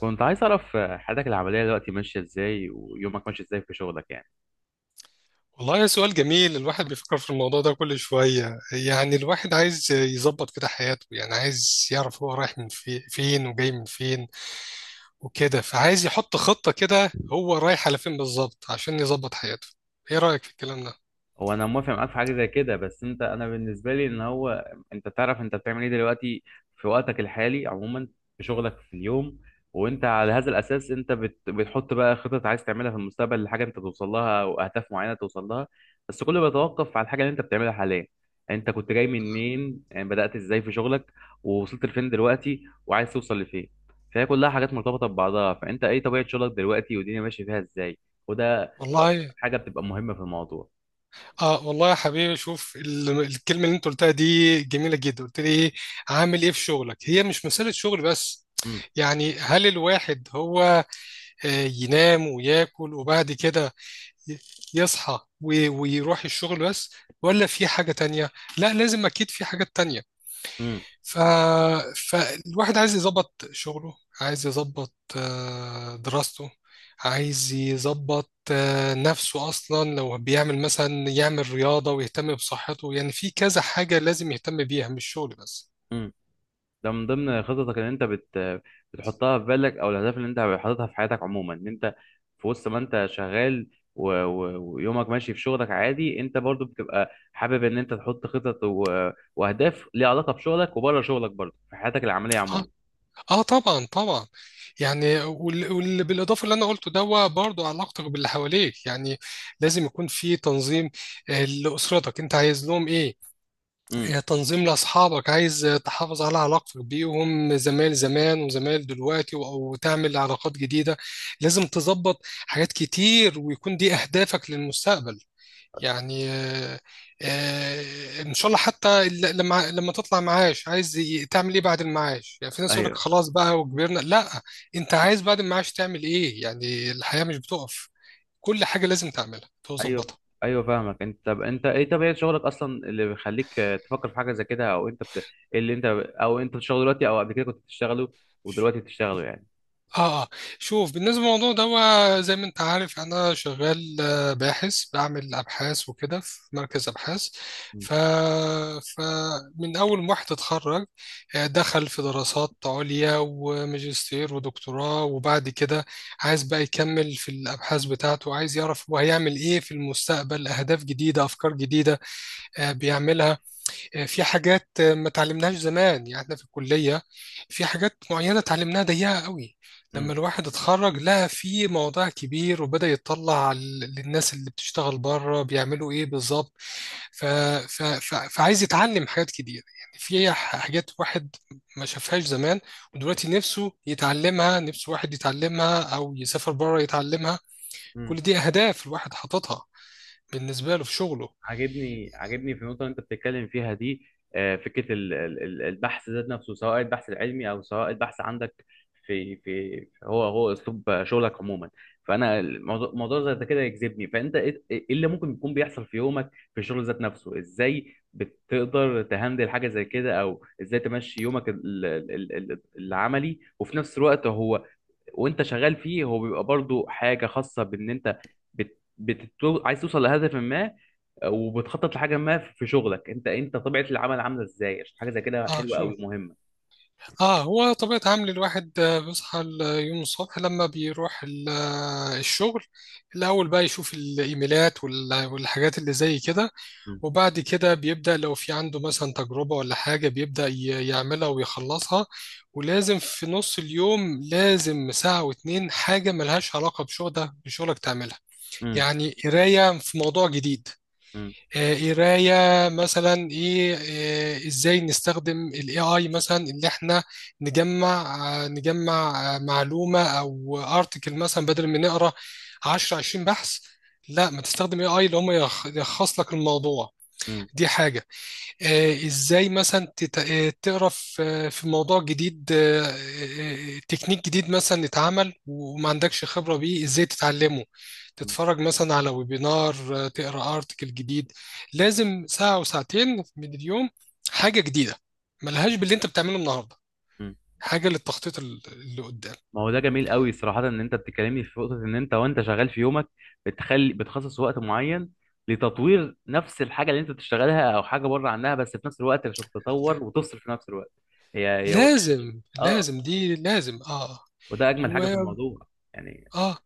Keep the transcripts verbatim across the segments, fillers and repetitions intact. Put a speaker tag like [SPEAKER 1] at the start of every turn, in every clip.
[SPEAKER 1] كنت عايز أعرف حياتك العملية دلوقتي ماشية إزاي، ويومك ماشي إزاي في شغلك يعني؟
[SPEAKER 2] والله سؤال جميل. الواحد بيفكر في الموضوع ده كل شوية، يعني الواحد عايز يظبط كده حياته، يعني عايز يعرف هو رايح من في فين وجاي من فين وكده، فعايز يحط خطة كده هو رايح على فين بالظبط عشان يظبط حياته. ايه رأيك في الكلام ده؟
[SPEAKER 1] هو انا موافق معاك في حاجه زي كده، بس انت، انا بالنسبه لي ان هو انت تعرف انت بتعمل ايه دلوقتي في وقتك الحالي عموما، في شغلك في اليوم. وانت على هذا الاساس انت بت... بتحط بقى خطط عايز تعملها في المستقبل لحاجه انت توصل لها، او اهداف معينه توصل لها. بس كله بيتوقف على الحاجه اللي انت بتعملها حاليا. انت كنت جاي منين؟ يعني بدات ازاي في شغلك؟ ووصلت لفين دلوقتي، وعايز توصل لفين؟ فهي كلها حاجات مرتبطه ببعضها. فانت ايه طبيعه شغلك دلوقتي، والدنيا ماشيه فيها ازاي؟ وده اكتر
[SPEAKER 2] والله
[SPEAKER 1] حاجه بتبقى مهمه في الموضوع.
[SPEAKER 2] اه، والله يا حبيبي، شوف ال- الكلمة اللي انت قلتها دي جميلة جدا. قلت لي ايه؟ عامل ايه في شغلك؟ هي مش مسألة شغل بس، يعني هل الواحد هو آه، ينام وياكل وبعد كده يصحى وي- ويروح الشغل بس، ولا في حاجة تانية؟ لا، لازم أكيد في حاجات تانية.
[SPEAKER 1] امم.
[SPEAKER 2] ف... فالواحد عايز يظبط شغله، عايز يظبط آه، دراسته، عايز يظبط آه، نفسه أصلا، لو بيعمل مثلا يعمل رياضة ويهتم بصحته. يعني في كذا حاجة لازم يهتم بيها، مش شغل بس.
[SPEAKER 1] امم. ده من ضمن خططك ان انت بت بتحطها في بالك، او الاهداف اللي انت حاططها في حياتك عموما، ان انت في وسط ما انت شغال و... و... ويومك ماشي في شغلك عادي، انت برضو بتبقى حابب ان انت تحط خطط و... واهداف ليها علاقه بشغلك وبره شغلك برضو في حياتك العمليه عموما.
[SPEAKER 2] آه. اه، طبعا طبعا. يعني وال- واللي بالاضافه اللي انا قلته ده، هو برضه علاقتك باللي حواليك، يعني لازم يكون في تنظيم، آه، لاسرتك انت عايز لهم ايه،
[SPEAKER 1] امم.
[SPEAKER 2] آه، تنظيم لاصحابك، عايز آه، تحافظ على علاقتك بيهم، زمايل زمان وزمايل دلوقتي و- او تعمل علاقات جديده. لازم تظبط حاجات كتير، ويكون دي اهدافك للمستقبل. يعني آه، آه، ان شاء الله حتى ال- لما لما تطلع معاش، عايز ي- تعمل ايه بعد المعاش؟ يعني في ناس يقول لك
[SPEAKER 1] ايوه.
[SPEAKER 2] خلاص بقى وكبرنا. لا، انت عايز بعد المعاش تعمل ايه؟ يعني الحياة مش بتقف. كل حاجة لازم تعملها
[SPEAKER 1] ايوه.
[SPEAKER 2] تظبطها.
[SPEAKER 1] ايوه فاهمك. انت طب انت ايه طبيعه شغلك اصلا اللي بيخليك آه، تفكر في حاجه زي كده، او انت بت... إيه اللي انت او انت بتشتغل دلوقتي، او قبل كده كنت بتشتغله ودلوقتي بتشتغله يعني؟
[SPEAKER 2] اه اه، شوف، بالنسبه للموضوع ده، هو زي ما انت عارف، يعني انا شغال آه، باحث، بعمل ابحاث وكده في مركز ابحاث. ف فمن اول ما واحد اتخرج، آه، دخل في دراسات عليا وماجستير ودكتوراه، وبعد كده عايز بقى يكمل في الابحاث بتاعته، عايز يعرف هو هيعمل ايه في المستقبل، اهداف جديده، افكار جديده، آه، بيعملها. آه، في حاجات ما اتعلمناهاش زمان، يعني احنا في الكلية في حاجات معينة اتعلمناها ضيقة قوي.
[SPEAKER 1] امم.
[SPEAKER 2] لما الواحد اتخرج لقى في موضوع كبير، وبدأ يطلع ال- للناس اللي بتشتغل بره بيعملوا ايه بالظبط. ف... ف... ف... فعايز يتعلم حاجات كتير، يعني في ح- حاجات واحد ما شافهاش زمان، ودلوقتي نفسه يتعلمها، نفسه واحد يتعلمها او يسافر بره يتعلمها. كل
[SPEAKER 1] امم.
[SPEAKER 2] دي اهداف الواحد حاططها بالنسبة له في شغله.
[SPEAKER 1] عاجبني عاجبني في النقطة اللي أنت بتتكلم فيها دي. آه، فكرة ال- ال- ال- البحث ذات نفسه، سواء البحث العلمي أو سواء البحث عندك في في هو هو أسلوب شغلك عموما. فأنا الموضوع موضوع زي ده كده يجذبني. فأنت إيه؟ إيه إيه اللي ممكن يكون بيحصل في يومك في الشغل ذات نفسه؟ إزاي بتقدر تهندل حاجة زي كده، أو إزاي تمشي يومك ال- ال- ال- ال- العملي؟ وفي نفس الوقت هو وانت شغال فيه، هو بيبقى برضو حاجه خاصه بان انت بت... بتتو... عايز توصل لهدف ما، وبتخطط لحاجه ما في شغلك. انت انت طبيعه العمل عامله ازاي؟ عشان حاجه زي كده
[SPEAKER 2] اه،
[SPEAKER 1] حلوه قوي
[SPEAKER 2] شوف،
[SPEAKER 1] مهمه.
[SPEAKER 2] اه، هو طبيعة عمل الواحد، آه، بيصحى اليوم الصبح لما بيروح ال- آه، الشغل، الأول بقى يشوف الإيميلات وال- والحاجات اللي زي كده،
[SPEAKER 1] مم.
[SPEAKER 2] وبعد كده بيبدأ لو في عنده مثلا تجربة ولا حاجة، بيبدأ ي- يعملها ويخلصها. ولازم في نص اليوم، لازم ساعة واتنين حاجة ملهاش علاقة بشغلك بشغلك تعملها.
[SPEAKER 1] مم.
[SPEAKER 2] يعني قراية في موضوع جديد،
[SPEAKER 1] مم.
[SPEAKER 2] آه، قرايه مثلا ايه. آه، ازاي نستخدم الاي اي مثلا، اللي احنا نجمع آه، نجمع آه، معلومه او ارتكل، مثلا بدل ما نقرا عشرة عشرين بحث، لا، ما تستخدم اي اي اللي هم يلخ- يلخص لك الموضوع.
[SPEAKER 1] مم.
[SPEAKER 2] دي حاجه. آه، ازاي مثلا تت- آه، تقرا في آه، في موضوع جديد، آه، آه، آه، تكنيك جديد مثلا اتعمل وما عندكش خبرة بيه، ازاي تتعلمه.
[SPEAKER 1] مم.
[SPEAKER 2] تتفرج مثلا على ويبينار، آه، تقرا ارتكل جديد. لازم ساعة وساعتين من اليوم حاجة جديدة ملهاش باللي انت بتعمله النهاردة،
[SPEAKER 1] مم.
[SPEAKER 2] حاجة للتخطيط ال- اللي قدام.
[SPEAKER 1] ما هو ده جميل قوي صراحه، ان انت بتتكلمني في نقطه ان انت وانت شغال في يومك بتخلي بتخصص وقت معين لتطوير نفس الحاجه اللي انت بتشتغلها او حاجه بره عنها، بس في نفس الوقت عشان تتطور وتفصل في نفس الوقت. هي هي
[SPEAKER 2] لازم
[SPEAKER 1] اه،
[SPEAKER 2] لازم دي، لازم، اه.
[SPEAKER 1] وده اجمل حاجه في
[SPEAKER 2] و
[SPEAKER 1] الموضوع يعني.
[SPEAKER 2] اه،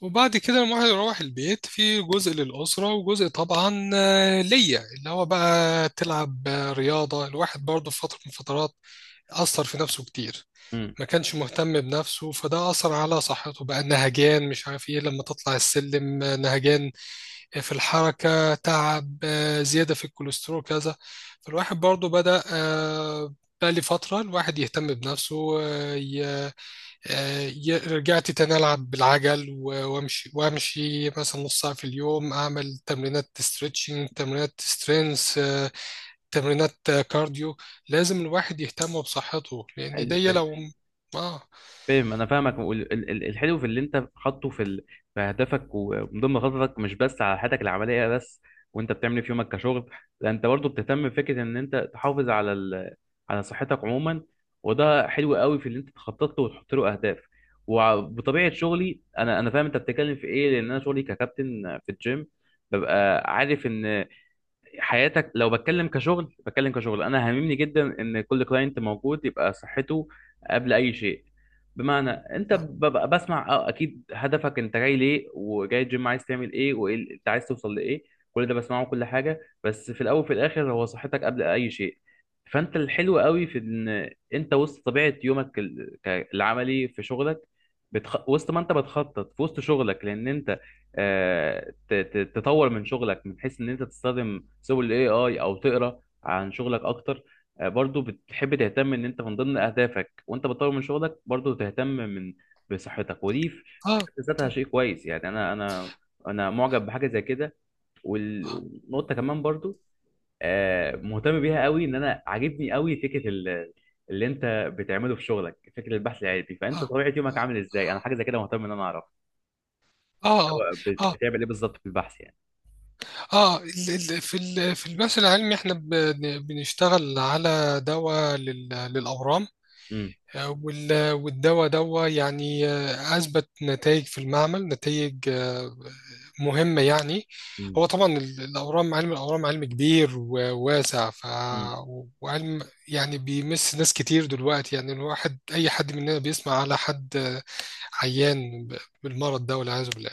[SPEAKER 2] وبعد كده لما الواحد يروح البيت، في جزء للأسرة، وجزء طبعا آه، ليا، اللي هو بقى تلعب آه، رياضة. الواحد برضه في فترة من الفترات أثر في نفسه كتير، ما كانش مهتم بنفسه، فده أثر على صحته، بقى نهجان مش عارف إيه، لما تطلع السلم آه، نهجان، آه، في الحركة تعب، آه، زيادة في الكوليسترول كذا. فالواحد برضه بدأ آه، بقى لي فترة الواحد يهتم بنفسه، آه، ي- رجعت تاني ألعب بالعجل و- وأمشي وأمشي مثلا نص ساعة في اليوم، أعمل تمرينات ستريتشنج، تمرينات سترينث، تمرينات آه، كارديو. لازم الواحد يهتم بصحته، لأن
[SPEAKER 1] حلو.
[SPEAKER 2] دي
[SPEAKER 1] حلو.
[SPEAKER 2] لو آه.
[SPEAKER 1] فاهم، انا فاهمك. وال- ال- ال- الحلو في اللي انت حاطه في ال- في هدفك، ومن ضمن خططك مش بس على حياتك العمليه بس. وانت بتعمل إيه في يومك كشغل؟ لا، انت برضه بتهتم بفكره ان انت تحافظ على ال... على صحتك عموما. وده حلو قوي في اللي انت تخطط له وتحط له اهداف. وبطبيعه شغلي، انا انا فاهم انت بتتكلم في ايه، لان انا شغلي ككابتن في الجيم ببقى عارف ان حياتك، لو بتكلم كشغل بتكلم كشغل، انا هاممني جدا ان كل كلاينت موجود يبقى صحته قبل اي شيء. بمعنى انت
[SPEAKER 2] آه
[SPEAKER 1] ببقى بسمع اه اكيد هدفك، انت جاي ليه وجاي الجيم عايز تعمل ايه، وايه ال- انت عايز توصل لايه. كل ده بسمعه كل حاجه، بس في الاول وفي الاخر هو صحتك قبل اي شيء. فانت الحلو قوي في ان انت وسط طبيعه يومك ال- ك- العملي في شغلك، بتخ... وسط ما انت بتخطط في وسط شغلك، لان انت آه، ت- ت- تطور من شغلك، من حيث ان انت تستخدم سبل الاي اي، او تقرا عن شغلك اكتر. آه، برضو بتحب تهتم ان انت من ضمن اهدافك، وانت بتطور من شغلك برضو تهتم من بصحتك. ودي في في
[SPEAKER 2] آه
[SPEAKER 1] حد ذاتها
[SPEAKER 2] طب،
[SPEAKER 1] شيء كويس يعني. انا انا انا معجب بحاجه زي كده، وال- والنقطه كمان برضو آه، مهتم بيها قوي، ان انا عاجبني قوي فكره ال- اللي انت بتعمله في شغلك، فكره البحث العلمي. فانت
[SPEAKER 2] آه
[SPEAKER 1] طبيعه يومك عامل ازاي؟ انا حاجه زي كده مهتم ان انا اعرف
[SPEAKER 2] آه آه
[SPEAKER 1] هو بت-
[SPEAKER 2] آه
[SPEAKER 1] بتعمل ايه بالظبط في البحث يعني؟
[SPEAKER 2] آه، ال- ال- في ال- في البحث العلمي إحنا بن- بنشتغل على دواء لل- للأورام، وال- والدواء دوا، يعني آه، أثبت نتائج في المعمل، نتائج آه، مهمة يعني.
[SPEAKER 1] امم.
[SPEAKER 2] هو طبعا ال- الأورام، علم الأورام علم كبير وواسع. ف...
[SPEAKER 1] مم.
[SPEAKER 2] وعلم يعني بيمس ناس كتير دلوقتي، يعني الواحد، أي حد مننا بيسمع على حد آه، عيان ب- بالمرض ده والعياذ بالله.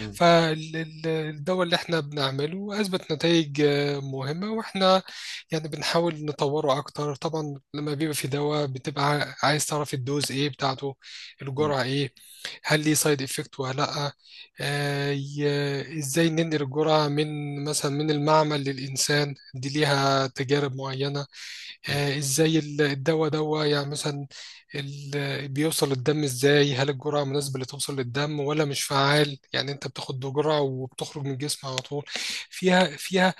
[SPEAKER 1] مم.
[SPEAKER 2] فالدواء اللي احنا بنعمله أثبت نتائج آه، مهمة، واحنا يعني بنحاول نطوره أكتر. طبعا لما بيبقى في دواء، بتبقى عايز تعرف الدوز إيه بتاعته،
[SPEAKER 1] مم.
[SPEAKER 2] الجرعة إيه، هل ليه سايد إفكت ولا لأ، آه، ي- إزاي ننقل الجرعة من مثلا من المعمل للإنسان، دي ليها تجارب معينة.
[SPEAKER 1] مم.
[SPEAKER 2] آه، ازاي ال- الدواء دوا، يعني مثلا ال- بيوصل الدم ازاي، هل الجرعة مناسبة اللي توصل للدم، ولا مش فعال، يعني انت بتاخد جرعة وبتخرج من الجسم على طول. فيها فيها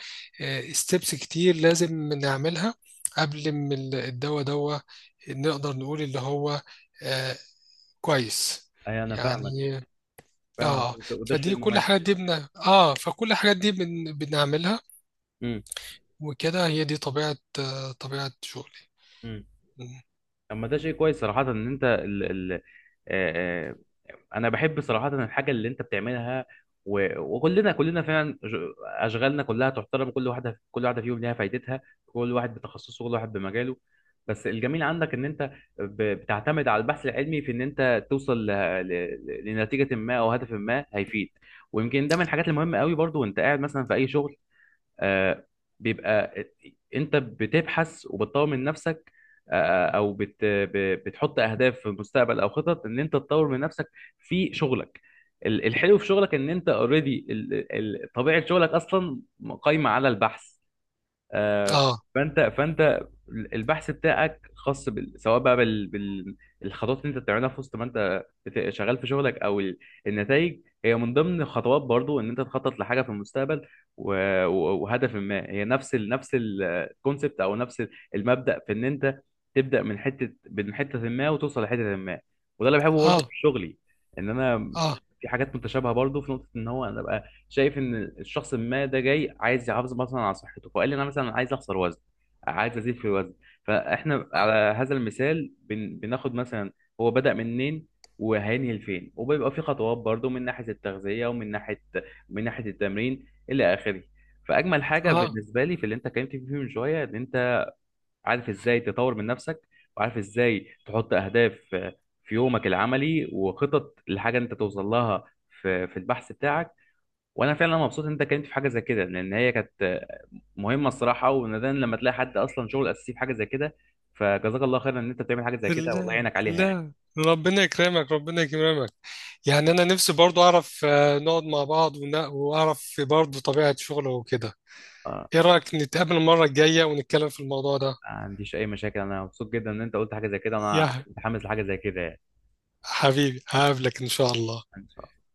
[SPEAKER 2] ستيبس كتير لازم نعملها قبل ما ال- الدواء دوا نقدر نقول اللي هو آه، كويس
[SPEAKER 1] اي، انا فاهمك.
[SPEAKER 2] يعني.
[SPEAKER 1] فاهمك.
[SPEAKER 2] اه،
[SPEAKER 1] وده وده شيء
[SPEAKER 2] فدي كل
[SPEAKER 1] مميز.
[SPEAKER 2] حاجة دي بن... اه فكل الحاجات دي بن... بنعملها،
[SPEAKER 1] مم.
[SPEAKER 2] وكده هي دي طبيعة آه، طبيعة شغلي.
[SPEAKER 1] مم. طب، ما ده شيء كويس صراحة، ان انت ال... ال... آه... آه، انا بحب صراحة الحاجة اللي انت بتعملها. و... وكلنا كلنا فعلا ج- اشغالنا كلها تحترم، كل واحدة كل واحدة فيهم ليها فايدتها. كل واحد بتخصصه، كل واحد بمجاله. بس الجميل عندك ان انت ب... بتعتمد على البحث العلمي في ان انت توصل ل... ل... لنتيجة ما، او هدف ما هيفيد. ويمكن ده من الحاجات المهمة قوي برضو، وانت قاعد مثلا في اي شغل، آه، بيبقى انت بتبحث وبتطور من نفسك، آه، آه، او بت ب- بتحط اهداف في المستقبل، او خطط ان انت تطور من نفسك في شغلك. ال- الحلو في شغلك ان انت اوريدي طبيعة شغلك اصلا قايمة على البحث. آه،
[SPEAKER 2] اه
[SPEAKER 1] فانت فانت البحث بتاعك خاص بال... سواء بقى بال... بال... الخطوات اللي انت بتعملها في وسط ما انت بت- شغال في شغلك، او ال- النتائج هي من ضمن خطوات برضو ان انت تخطط لحاجه في المستقبل و... و- وهدف ما. هي نفس ال... نفس الكونسبت، او نفس ال- المبدأ في ان انت تبدأ من حته من حته ما، وتوصل لحته ما. وده اللي بحبه برضو في
[SPEAKER 2] اه
[SPEAKER 1] شغلي، ان انا
[SPEAKER 2] اه
[SPEAKER 1] في حاجات متشابهه برضو في نقطه، ان هو انا أبقى شايف ان الشخص ما ده جاي عايز يحافظ مثلا على صحته، فقال لي انا مثلا عايز اخسر وزن، عايز ازيد في الوزن. فاحنا على هذا المثال بن... بناخد مثلا هو بدأ منين وهينهي لفين، وبيبقى في خطوات برضو من ناحية التغذية، ومن ناحية من ناحية التمرين إلى آخره. فأجمل حاجة
[SPEAKER 2] اه
[SPEAKER 1] بالنسبة لي في اللي أنت اتكلمت فيه من شوية، إن أنت عارف إزاي تطور من نفسك، وعارف إزاي تحط أهداف في يومك العملي، وخطط لحاجة أنت توصل لها في في البحث بتاعك. وانا فعلا مبسوط ان انت اتكلمت في حاجه زي كده، لان هي كانت مهمه الصراحه، ونادرا لما تلاقي حد اصلا شغل اساسي في حاجه زي كده. فجزاك الله خيرا ان انت بتعمل حاجه زي كده، والله
[SPEAKER 2] لا
[SPEAKER 1] يعينك عليها يعني.
[SPEAKER 2] لا ربنا يكرمك ربنا يكرمك. يعني انا نفسي برضو اعرف، آه، نقعد مع بعض ون- واعرف في برضو طبيعة شغله وكده.
[SPEAKER 1] اه،
[SPEAKER 2] ايه رأيك نتقابل المرة الجاية ونتكلم في الموضوع ده؟
[SPEAKER 1] ما عنديش اي مشاكل، انا مبسوط جدا ان انت قلت حاجه زي كده، انا
[SPEAKER 2] يا
[SPEAKER 1] متحمس لحاجه زي كده يعني.
[SPEAKER 2] حبيبي، هقابلك ان شاء الله.
[SPEAKER 1] ان شاء الله.